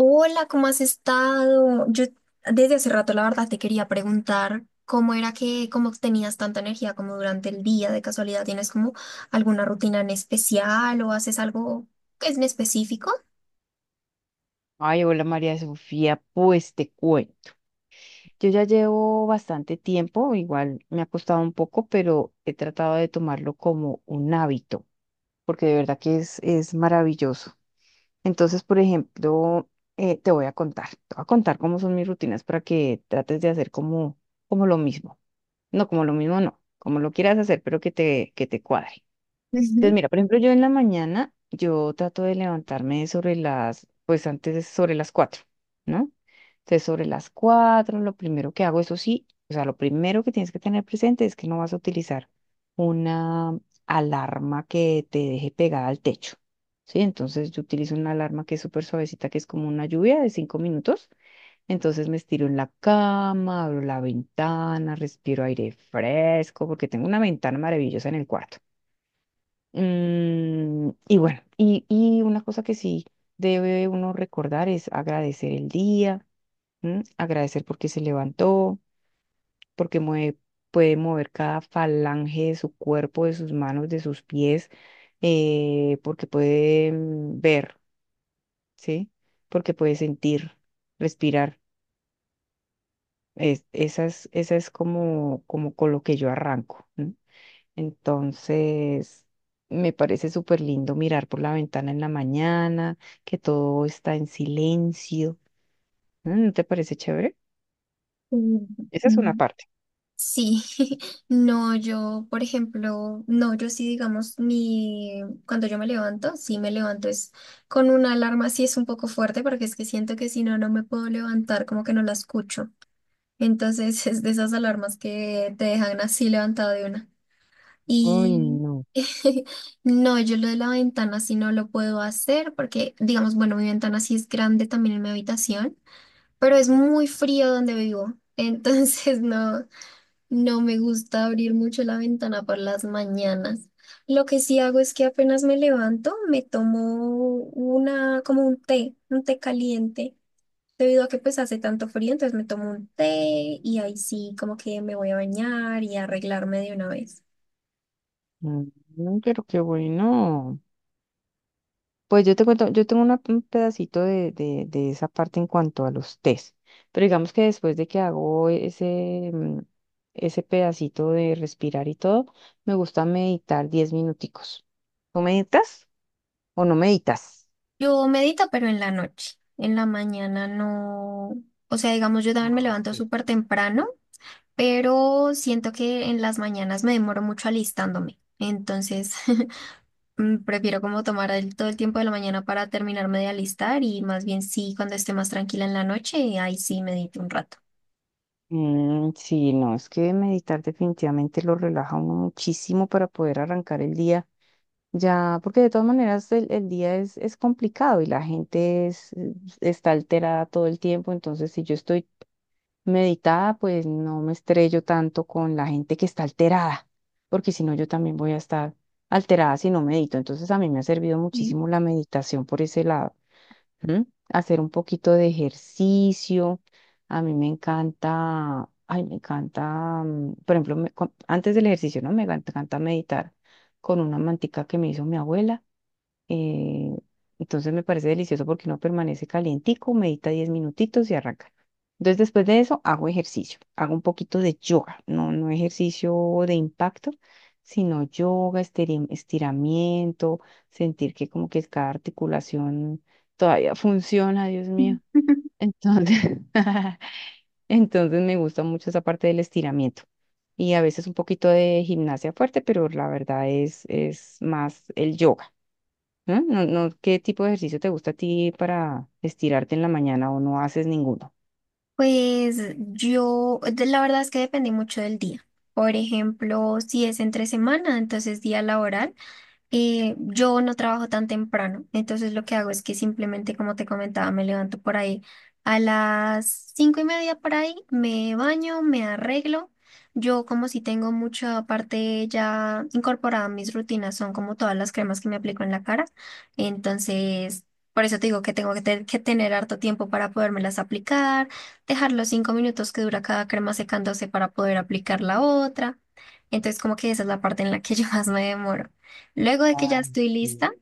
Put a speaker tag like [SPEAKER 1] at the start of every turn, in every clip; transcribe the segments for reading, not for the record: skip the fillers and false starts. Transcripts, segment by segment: [SPEAKER 1] Hola, ¿cómo has estado? Yo desde hace rato, la verdad, te quería preguntar cómo era que, cómo tenías tanta energía como durante el día. De casualidad, ¿tienes como alguna rutina en especial o haces algo que es en específico?
[SPEAKER 2] Ay, hola María Sofía, pues te cuento. Yo ya llevo bastante tiempo, igual me ha costado un poco, pero he tratado de tomarlo como un hábito, porque de verdad que es maravilloso. Entonces, por ejemplo, te voy a contar cómo son mis rutinas para que trates de hacer como lo mismo. No, como lo mismo no, como lo quieras hacer, pero que te cuadre. Entonces,
[SPEAKER 1] Ujú.
[SPEAKER 2] mira, por ejemplo, yo en la mañana, yo trato de levantarme sobre las, pues antes de- sobre las 4, ¿no? Entonces, sobre las 4, lo primero que hago, eso sí, o sea, lo primero que tienes que tener presente es que no vas a utilizar una alarma que te deje pegada al techo, ¿sí? Entonces, yo utilizo una alarma que es súper suavecita, que es como una lluvia de 5 minutos. Entonces, me estiro en la cama, abro la ventana, respiro aire fresco, porque tengo una ventana maravillosa en el cuarto. Y bueno, y una cosa que sí debe uno recordar es agradecer el día, ¿m? Agradecer porque se levantó, porque puede mover cada falange de su cuerpo, de sus manos, de sus pies, porque puede ver, ¿sí? Porque puede sentir, respirar. Esa es como con lo que yo arranco. ¿M? Entonces, me parece súper lindo mirar por la ventana en la mañana, que todo está en silencio. ¿No te parece chévere?
[SPEAKER 1] Mm,
[SPEAKER 2] Esa es una
[SPEAKER 1] mm.
[SPEAKER 2] parte.
[SPEAKER 1] Sí, no, yo, por ejemplo, no, yo sí, digamos, mi, cuando yo me levanto, sí me levanto es con una alarma, sí es un poco fuerte, porque es que siento que si no, no me puedo levantar, como que no la escucho. Entonces es de esas alarmas que te dejan así levantado de una.
[SPEAKER 2] Uy,
[SPEAKER 1] Y
[SPEAKER 2] no.
[SPEAKER 1] no, yo lo de la ventana sí no lo puedo hacer porque, digamos, bueno, mi ventana sí es grande también en mi habitación, pero es muy frío donde vivo. Entonces no, no me gusta abrir mucho la ventana por las mañanas. Lo que sí hago es que apenas me levanto, me tomo una, como un té caliente. Debido a que pues hace tanto frío, entonces me tomo un té y ahí sí como que me voy a bañar y a arreglarme de una vez.
[SPEAKER 2] Pero qué bueno. Pues yo te cuento, yo tengo un pedacito de esa parte en cuanto a los test. Pero digamos que después de que hago ese pedacito de respirar y todo, me gusta meditar 10 minuticos. ¿Tú meditas o no meditas?
[SPEAKER 1] Yo medito, pero en la noche. En la mañana no. O sea, digamos, yo también me
[SPEAKER 2] Ah,
[SPEAKER 1] levanto
[SPEAKER 2] ok.
[SPEAKER 1] súper temprano, pero siento que en las mañanas me demoro mucho alistándome. Entonces, prefiero como tomar todo el tiempo de la mañana para terminarme de alistar y más bien sí, cuando esté más tranquila en la noche, ahí sí medito un rato.
[SPEAKER 2] Sí, no, es que meditar definitivamente lo relaja a uno muchísimo para poder arrancar el día. Ya, porque de todas maneras el día es complicado y la gente está alterada todo el tiempo, entonces si yo estoy meditada, pues no me estrello tanto con la gente que está alterada, porque si no yo también voy a estar alterada si no medito. Entonces a mí me ha servido
[SPEAKER 1] Sí.
[SPEAKER 2] muchísimo la meditación por ese lado. ¿M? Hacer un poquito de ejercicio. A mí me encanta, ay, me encanta, por ejemplo, antes del ejercicio, ¿no? Me encanta encanta meditar con una mantica que me hizo mi abuela. Eh, entonces me parece delicioso porque no permanece calientico, medita 10 minutitos y arranca. Entonces después de eso hago ejercicio, hago un poquito de yoga, no, no ejercicio de impacto, sino yoga, estiramiento, sentir que como que cada articulación todavía funciona, Dios mío. Entonces, entonces me gusta mucho esa parte del estiramiento y a veces un poquito de gimnasia fuerte, pero la verdad es más el yoga. ¿No? No, no, ¿qué tipo de ejercicio te gusta a ti para estirarte en la mañana o no haces ninguno?
[SPEAKER 1] Pues yo, la verdad es que depende mucho del día. Por ejemplo, si es entre semana, entonces día laboral. Yo no trabajo tan temprano, entonces lo que hago es que simplemente, como te comentaba, me levanto por ahí a las 5:30 por ahí, me baño, me arreglo. Yo como si tengo mucha parte ya incorporada a mis rutinas, son como todas las cremas que me aplico en la cara. Entonces, por eso te digo que tengo que, que tener harto tiempo para podérmelas aplicar, dejar los 5 minutos que dura cada crema secándose para poder aplicar la otra. Entonces, como que esa es la parte en la que yo más me demoro. Luego de que ya
[SPEAKER 2] Ay,
[SPEAKER 1] estoy
[SPEAKER 2] sí.
[SPEAKER 1] lista,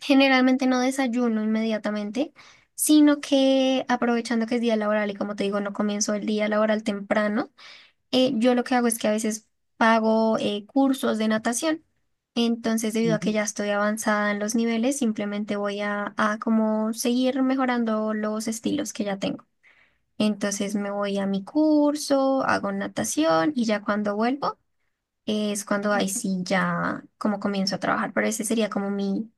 [SPEAKER 1] generalmente no desayuno inmediatamente, sino que aprovechando que es día laboral y como te digo, no comienzo el día laboral temprano, yo lo que hago es que a veces pago cursos de natación. Entonces, debido a
[SPEAKER 2] Ujú.
[SPEAKER 1] que ya estoy avanzada en los niveles, simplemente voy a como seguir mejorando los estilos que ya tengo. Entonces me voy a mi curso, hago natación y ya cuando vuelvo es cuando ahí sí ya como comienzo a trabajar, pero ese sería como mi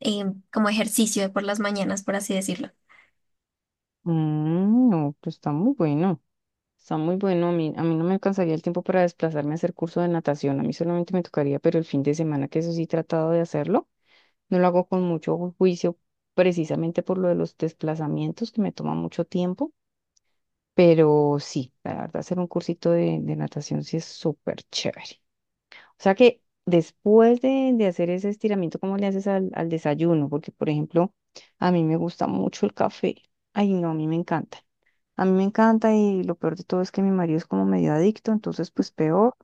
[SPEAKER 1] eh, como ejercicio de por las mañanas, por así decirlo.
[SPEAKER 2] No, pues está muy bueno. Está muy bueno. A mí no me alcanzaría el tiempo para desplazarme a hacer curso de natación. A mí solamente me tocaría, pero el fin de semana, que eso sí he tratado de hacerlo, no lo hago con mucho juicio, precisamente por lo de los desplazamientos, que me toma mucho tiempo. Pero sí, la verdad, hacer un cursito de natación sí es súper chévere. O sea que después de hacer ese estiramiento, ¿cómo le haces al desayuno? Porque, por ejemplo, a mí me gusta mucho el café. Ay, no, a mí me encanta. A mí me encanta y lo peor de todo es que mi marido es como medio adicto, entonces pues peor.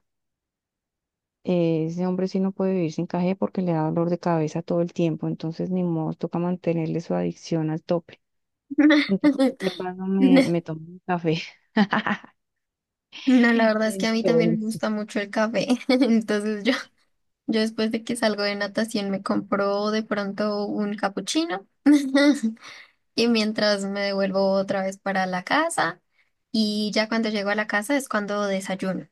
[SPEAKER 2] Ese hombre sí no puede vivir sin café porque le da dolor de cabeza todo el tiempo, entonces ni modo, toca mantenerle su adicción al tope. Entonces, de paso me tomo un café.
[SPEAKER 1] No, la verdad es que a mí también me
[SPEAKER 2] Entonces,
[SPEAKER 1] gusta mucho el café. Entonces yo después de que salgo de natación me compro de pronto un capuchino. Y mientras me devuelvo otra vez para la casa y ya cuando llego a la casa es cuando desayuno.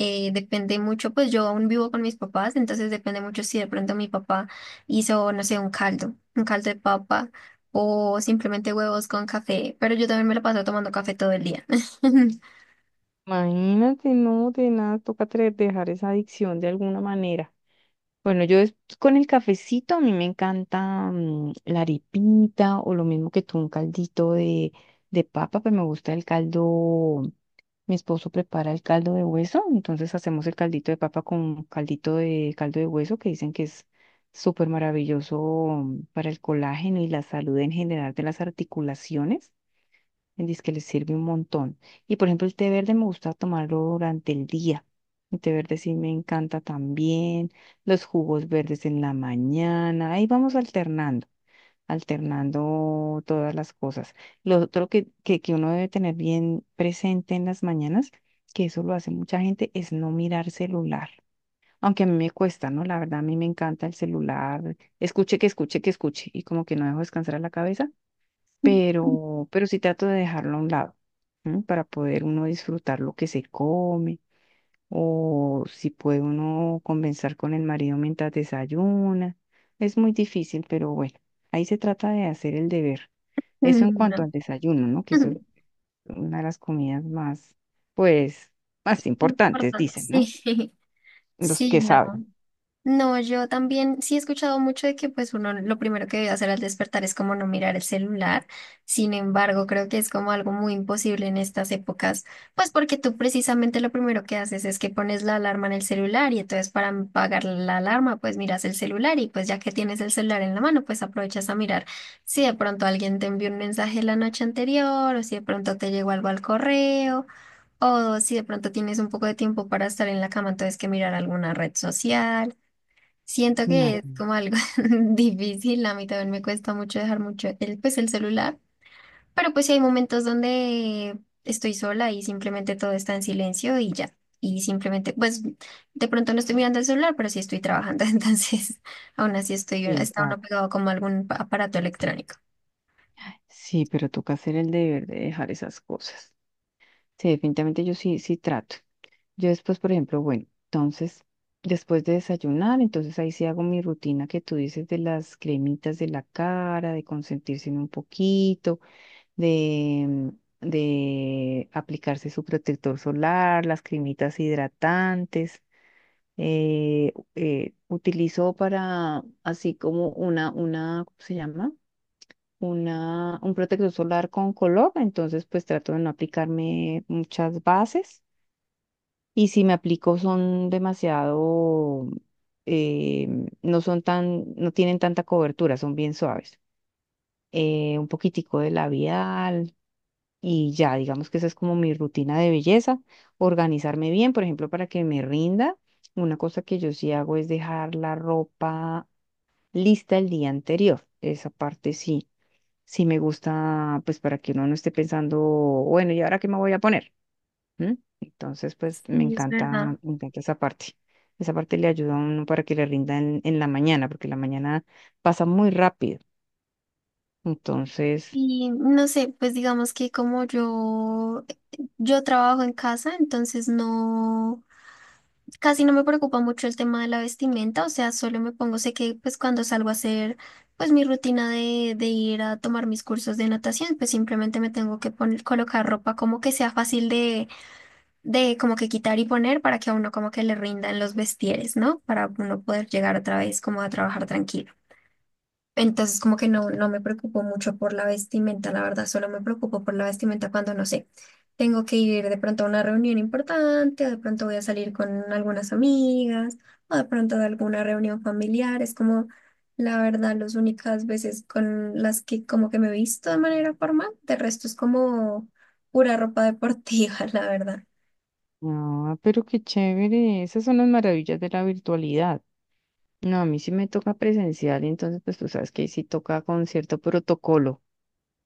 [SPEAKER 1] Depende mucho, pues yo aún vivo con mis papás, entonces depende mucho si de pronto mi papá hizo, no sé, un caldo de papa o simplemente huevos con café, pero yo también me lo paso tomando café todo el día.
[SPEAKER 2] imagínate, no, de nada, toca dejar esa adicción de alguna manera. Bueno, yo es con el cafecito a mí me encanta la arepita o lo mismo que tú, un caldito de papa, pero me gusta el caldo, mi esposo prepara el caldo de hueso, entonces hacemos el caldito de papa con caldito de caldo de hueso que dicen que es súper maravilloso para el colágeno y la salud en general de las articulaciones. Dice que les sirve un montón. Y por ejemplo, el té verde me gusta tomarlo durante el día. El té verde sí me encanta también. Los jugos verdes en la mañana. Ahí vamos alternando, alternando todas las cosas. Lo otro que uno debe tener bien presente en las mañanas, que eso lo hace mucha gente, es no mirar celular. Aunque a mí me cuesta, ¿no? La verdad, a mí me encanta el celular. Escuche, que escuche, que escuche. Y como que no dejo descansar a la cabeza pero sí trato de dejarlo a un lado, ¿m? Para poder uno disfrutar lo que se come, o si puede uno conversar con el marido mientras desayuna. Es muy difícil, pero bueno, ahí se trata de hacer el deber. Eso en cuanto
[SPEAKER 1] No.
[SPEAKER 2] al desayuno, ¿no? Que eso es una de las comidas más, pues, más importantes,
[SPEAKER 1] Importante.
[SPEAKER 2] dicen, ¿no?
[SPEAKER 1] Sí,
[SPEAKER 2] Los
[SPEAKER 1] sí,
[SPEAKER 2] que
[SPEAKER 1] no.
[SPEAKER 2] saben.
[SPEAKER 1] No, yo también sí he escuchado mucho de que pues uno lo primero que debe hacer al despertar es como no mirar el celular. Sin embargo, creo que es como algo muy imposible en estas épocas, pues porque tú precisamente lo primero que haces es que pones la alarma en el celular y entonces para apagar la alarma pues miras el celular y pues ya que tienes el celular en la mano pues aprovechas a mirar si de pronto alguien te envió un mensaje la noche anterior o si de pronto te llegó algo al correo. O si de pronto tienes un poco de tiempo para estar en la cama, entonces que mirar alguna red social. Siento que es
[SPEAKER 2] Imagínate.
[SPEAKER 1] como algo difícil, a mí también me cuesta mucho dejar mucho el, pues, el celular, pero pues sí hay momentos donde estoy sola y simplemente todo está en silencio y ya, y simplemente, pues de pronto no estoy mirando el celular, pero sí estoy trabajando, entonces aún así estoy, está uno
[SPEAKER 2] Exacto.
[SPEAKER 1] pegado como a algún aparato electrónico.
[SPEAKER 2] Sí, pero toca hacer el deber de dejar esas cosas. Sí, definitivamente yo sí, sí trato. Yo después, por ejemplo, bueno, entonces, después de desayunar, entonces ahí sí hago mi rutina que tú dices de las cremitas de la cara, de consentirse en un poquito, de, mm, de aplicarse su protector solar, las cremitas hidratantes. Utilizo para, así como una, ¿cómo se llama? Un protector solar con color, entonces pues trato de no aplicarme muchas bases y si me aplico son demasiado, eh, no tienen tanta cobertura, son bien suaves. Un poquitico de labial y ya, digamos que esa es como mi rutina de belleza. Organizarme bien, por ejemplo, para que me rinda. Una cosa que yo sí hago es dejar la ropa lista el día anterior. Esa parte sí, sí me gusta, pues para que uno no esté pensando, bueno, ¿y ahora qué me voy a poner? ¿M? Entonces, pues
[SPEAKER 1] Sí, es verdad.
[SPEAKER 2] me encanta esa parte. Esa parte le ayuda a uno para que le rinda en la mañana, porque la mañana pasa muy rápido. Entonces,
[SPEAKER 1] Y no sé, pues digamos que como yo trabajo en casa, entonces no... Casi no me preocupa mucho el tema de la vestimenta, o sea, solo me pongo, sé que pues cuando salgo a hacer pues mi rutina de ir a tomar mis cursos de natación, pues simplemente me tengo que poner, colocar ropa como que sea fácil de como que quitar y poner para que a uno como que le rindan los vestieres, ¿no? Para uno poder llegar otra vez como a trabajar tranquilo. Entonces, como que no, no me preocupo mucho por la vestimenta, la verdad, solo me preocupo por la vestimenta cuando, no sé, tengo que ir de pronto a una reunión importante, o de pronto voy a salir con algunas amigas, o de pronto de alguna reunión familiar. Es como, la verdad, las únicas veces con las que como que me he visto de manera formal, de resto es como pura ropa deportiva, la verdad.
[SPEAKER 2] no, pero qué chévere. Esas son las maravillas de la virtualidad. No, a mí sí me toca presencial, entonces, pues tú sabes que ahí sí toca con cierto protocolo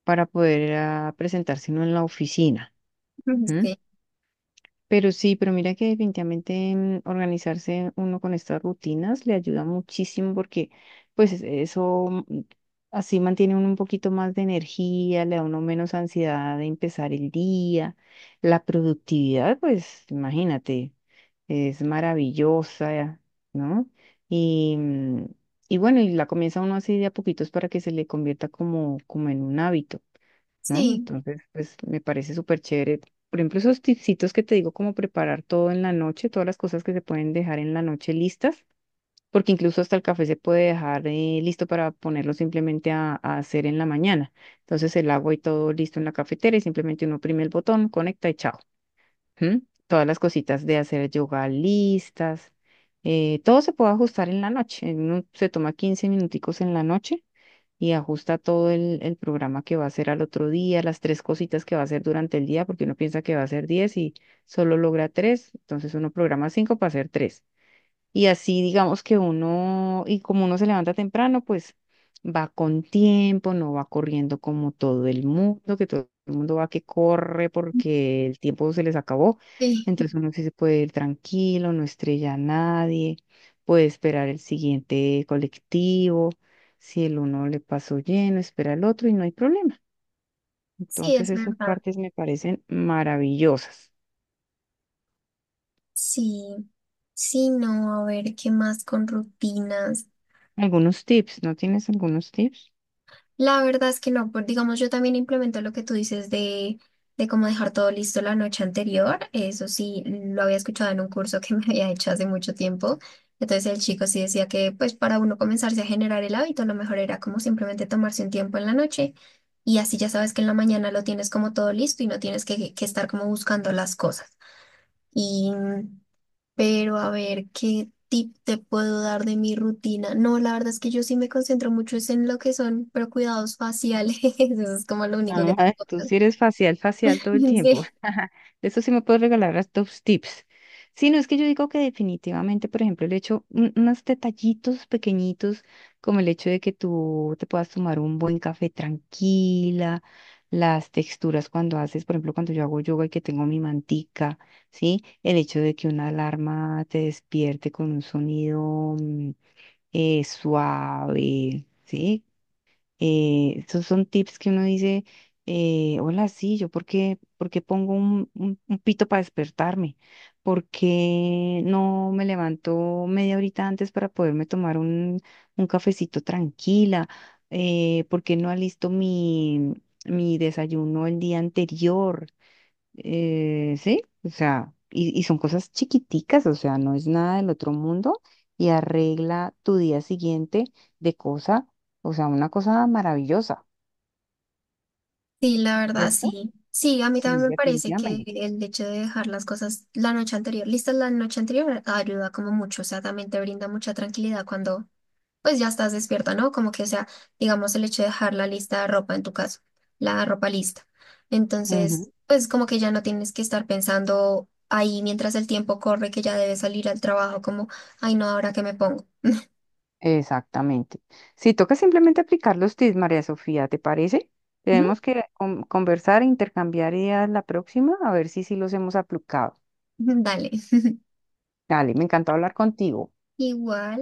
[SPEAKER 2] para poder presentarse uno en la oficina.
[SPEAKER 1] Ujú. Sí,
[SPEAKER 2] Pero sí, pero mira que definitivamente organizarse uno con estas rutinas le ayuda muchísimo porque pues eso así mantiene uno un poquito más de energía, le da uno menos ansiedad de empezar el día. La productividad, pues imagínate, es maravillosa, ¿no? Y, mm, y bueno, y la comienza uno así de a poquitos para que se le convierta como en un hábito. ¿No?
[SPEAKER 1] sí,
[SPEAKER 2] Entonces, pues me parece súper chévere. Por ejemplo, esos tipsitos que te digo, como preparar todo en la noche, todas las cosas que se pueden dejar en la noche listas, porque incluso hasta el café se puede dejar listo para ponerlo simplemente a hacer en la mañana. Entonces, el agua y todo listo en la cafetera y simplemente uno oprime el botón, conecta y chao. ¿Mm? Todas las cositas de hacer yoga listas. Todo se puede ajustar en la noche. Se toma 15 minuticos en la noche y ajusta todo el programa que va a hacer al otro día, las tres cositas que va a hacer durante el día, porque uno piensa que va a hacer 10 y solo logra tres, entonces uno programa cinco para hacer tres. Y así digamos que uno, y como uno se levanta temprano, pues va con tiempo, no va corriendo como todo el mundo, que todo el mundo va que corre porque el tiempo se les acabó.
[SPEAKER 1] sí,
[SPEAKER 2] Entonces uno sí se puede ir tranquilo, no estrella a nadie, puede esperar el siguiente colectivo. Si el uno le pasó lleno, espera el otro y no hay problema.
[SPEAKER 1] sí,
[SPEAKER 2] Entonces
[SPEAKER 1] es
[SPEAKER 2] esas
[SPEAKER 1] verdad.
[SPEAKER 2] partes me parecen maravillosas.
[SPEAKER 1] Sí, sí, no, a ver, ¿qué más con rutinas?
[SPEAKER 2] Algunos tips, ¿no tienes algunos tips?
[SPEAKER 1] La verdad es que no, pues digamos, yo también implemento lo que tú dices de cómo dejar todo listo la noche anterior. Eso sí, lo había escuchado en un curso que me había hecho hace mucho tiempo. Entonces el chico sí decía que pues para uno comenzarse a generar el hábito, lo mejor era como simplemente tomarse un tiempo en la noche y así ya sabes que en la mañana lo tienes como todo listo y no tienes que estar como buscando las cosas. Y pero a ver, ¿qué tip te puedo dar de mi rutina? No, la verdad es que yo sí me concentro mucho es en lo que son, pero cuidados faciales, eso es como lo único que te
[SPEAKER 2] Ah,
[SPEAKER 1] puedo
[SPEAKER 2] tú
[SPEAKER 1] dar.
[SPEAKER 2] sí eres facial, facial todo el tiempo.
[SPEAKER 1] Sí,
[SPEAKER 2] De eso sí me puedes regalar las dos tips. Sí, no es que yo digo que definitivamente, por ejemplo, el hecho, unos detallitos pequeñitos, como el hecho de que tú te puedas tomar un buen café tranquila, las texturas cuando haces, por ejemplo, cuando yo hago yoga y que tengo mi mantica, ¿sí? El hecho de que una alarma te despierte con un sonido suave, ¿sí? Estos son tips que uno dice, hola, sí, yo por qué pongo un pito para despertarme, por qué no me levanto media horita antes para poderme tomar un cafecito tranquila, por qué no alisto mi desayuno el día anterior sí, o sea, y son cosas chiquiticas, o sea, no es nada del otro mundo y arregla tu día siguiente de cosa, o sea, una cosa maravillosa,
[SPEAKER 1] sí, la verdad,
[SPEAKER 2] ¿cierto?
[SPEAKER 1] sí. Sí, a mí
[SPEAKER 2] Sí,
[SPEAKER 1] también me parece que
[SPEAKER 2] definitivamente.
[SPEAKER 1] el hecho de dejar las cosas la noche anterior, listas la noche anterior, ayuda como mucho, o sea, también te brinda mucha tranquilidad cuando pues ya estás despierta, ¿no? Como que, o sea, digamos el hecho de dejar la lista de ropa en tu caso, la ropa lista.
[SPEAKER 2] Ujú,
[SPEAKER 1] Entonces, pues como que ya no tienes que estar pensando ahí mientras el tiempo corre que ya debes salir al trabajo, como, ay, no, ahora qué me pongo.
[SPEAKER 2] Exactamente. Si toca simplemente aplicar los tips, María Sofía, ¿te parece?
[SPEAKER 1] Ujú,
[SPEAKER 2] Tenemos que conversar e intercambiar ideas la próxima, a ver si sí los hemos aplicado.
[SPEAKER 1] Dale.
[SPEAKER 2] Dale, me encantó hablar contigo.
[SPEAKER 1] Igual.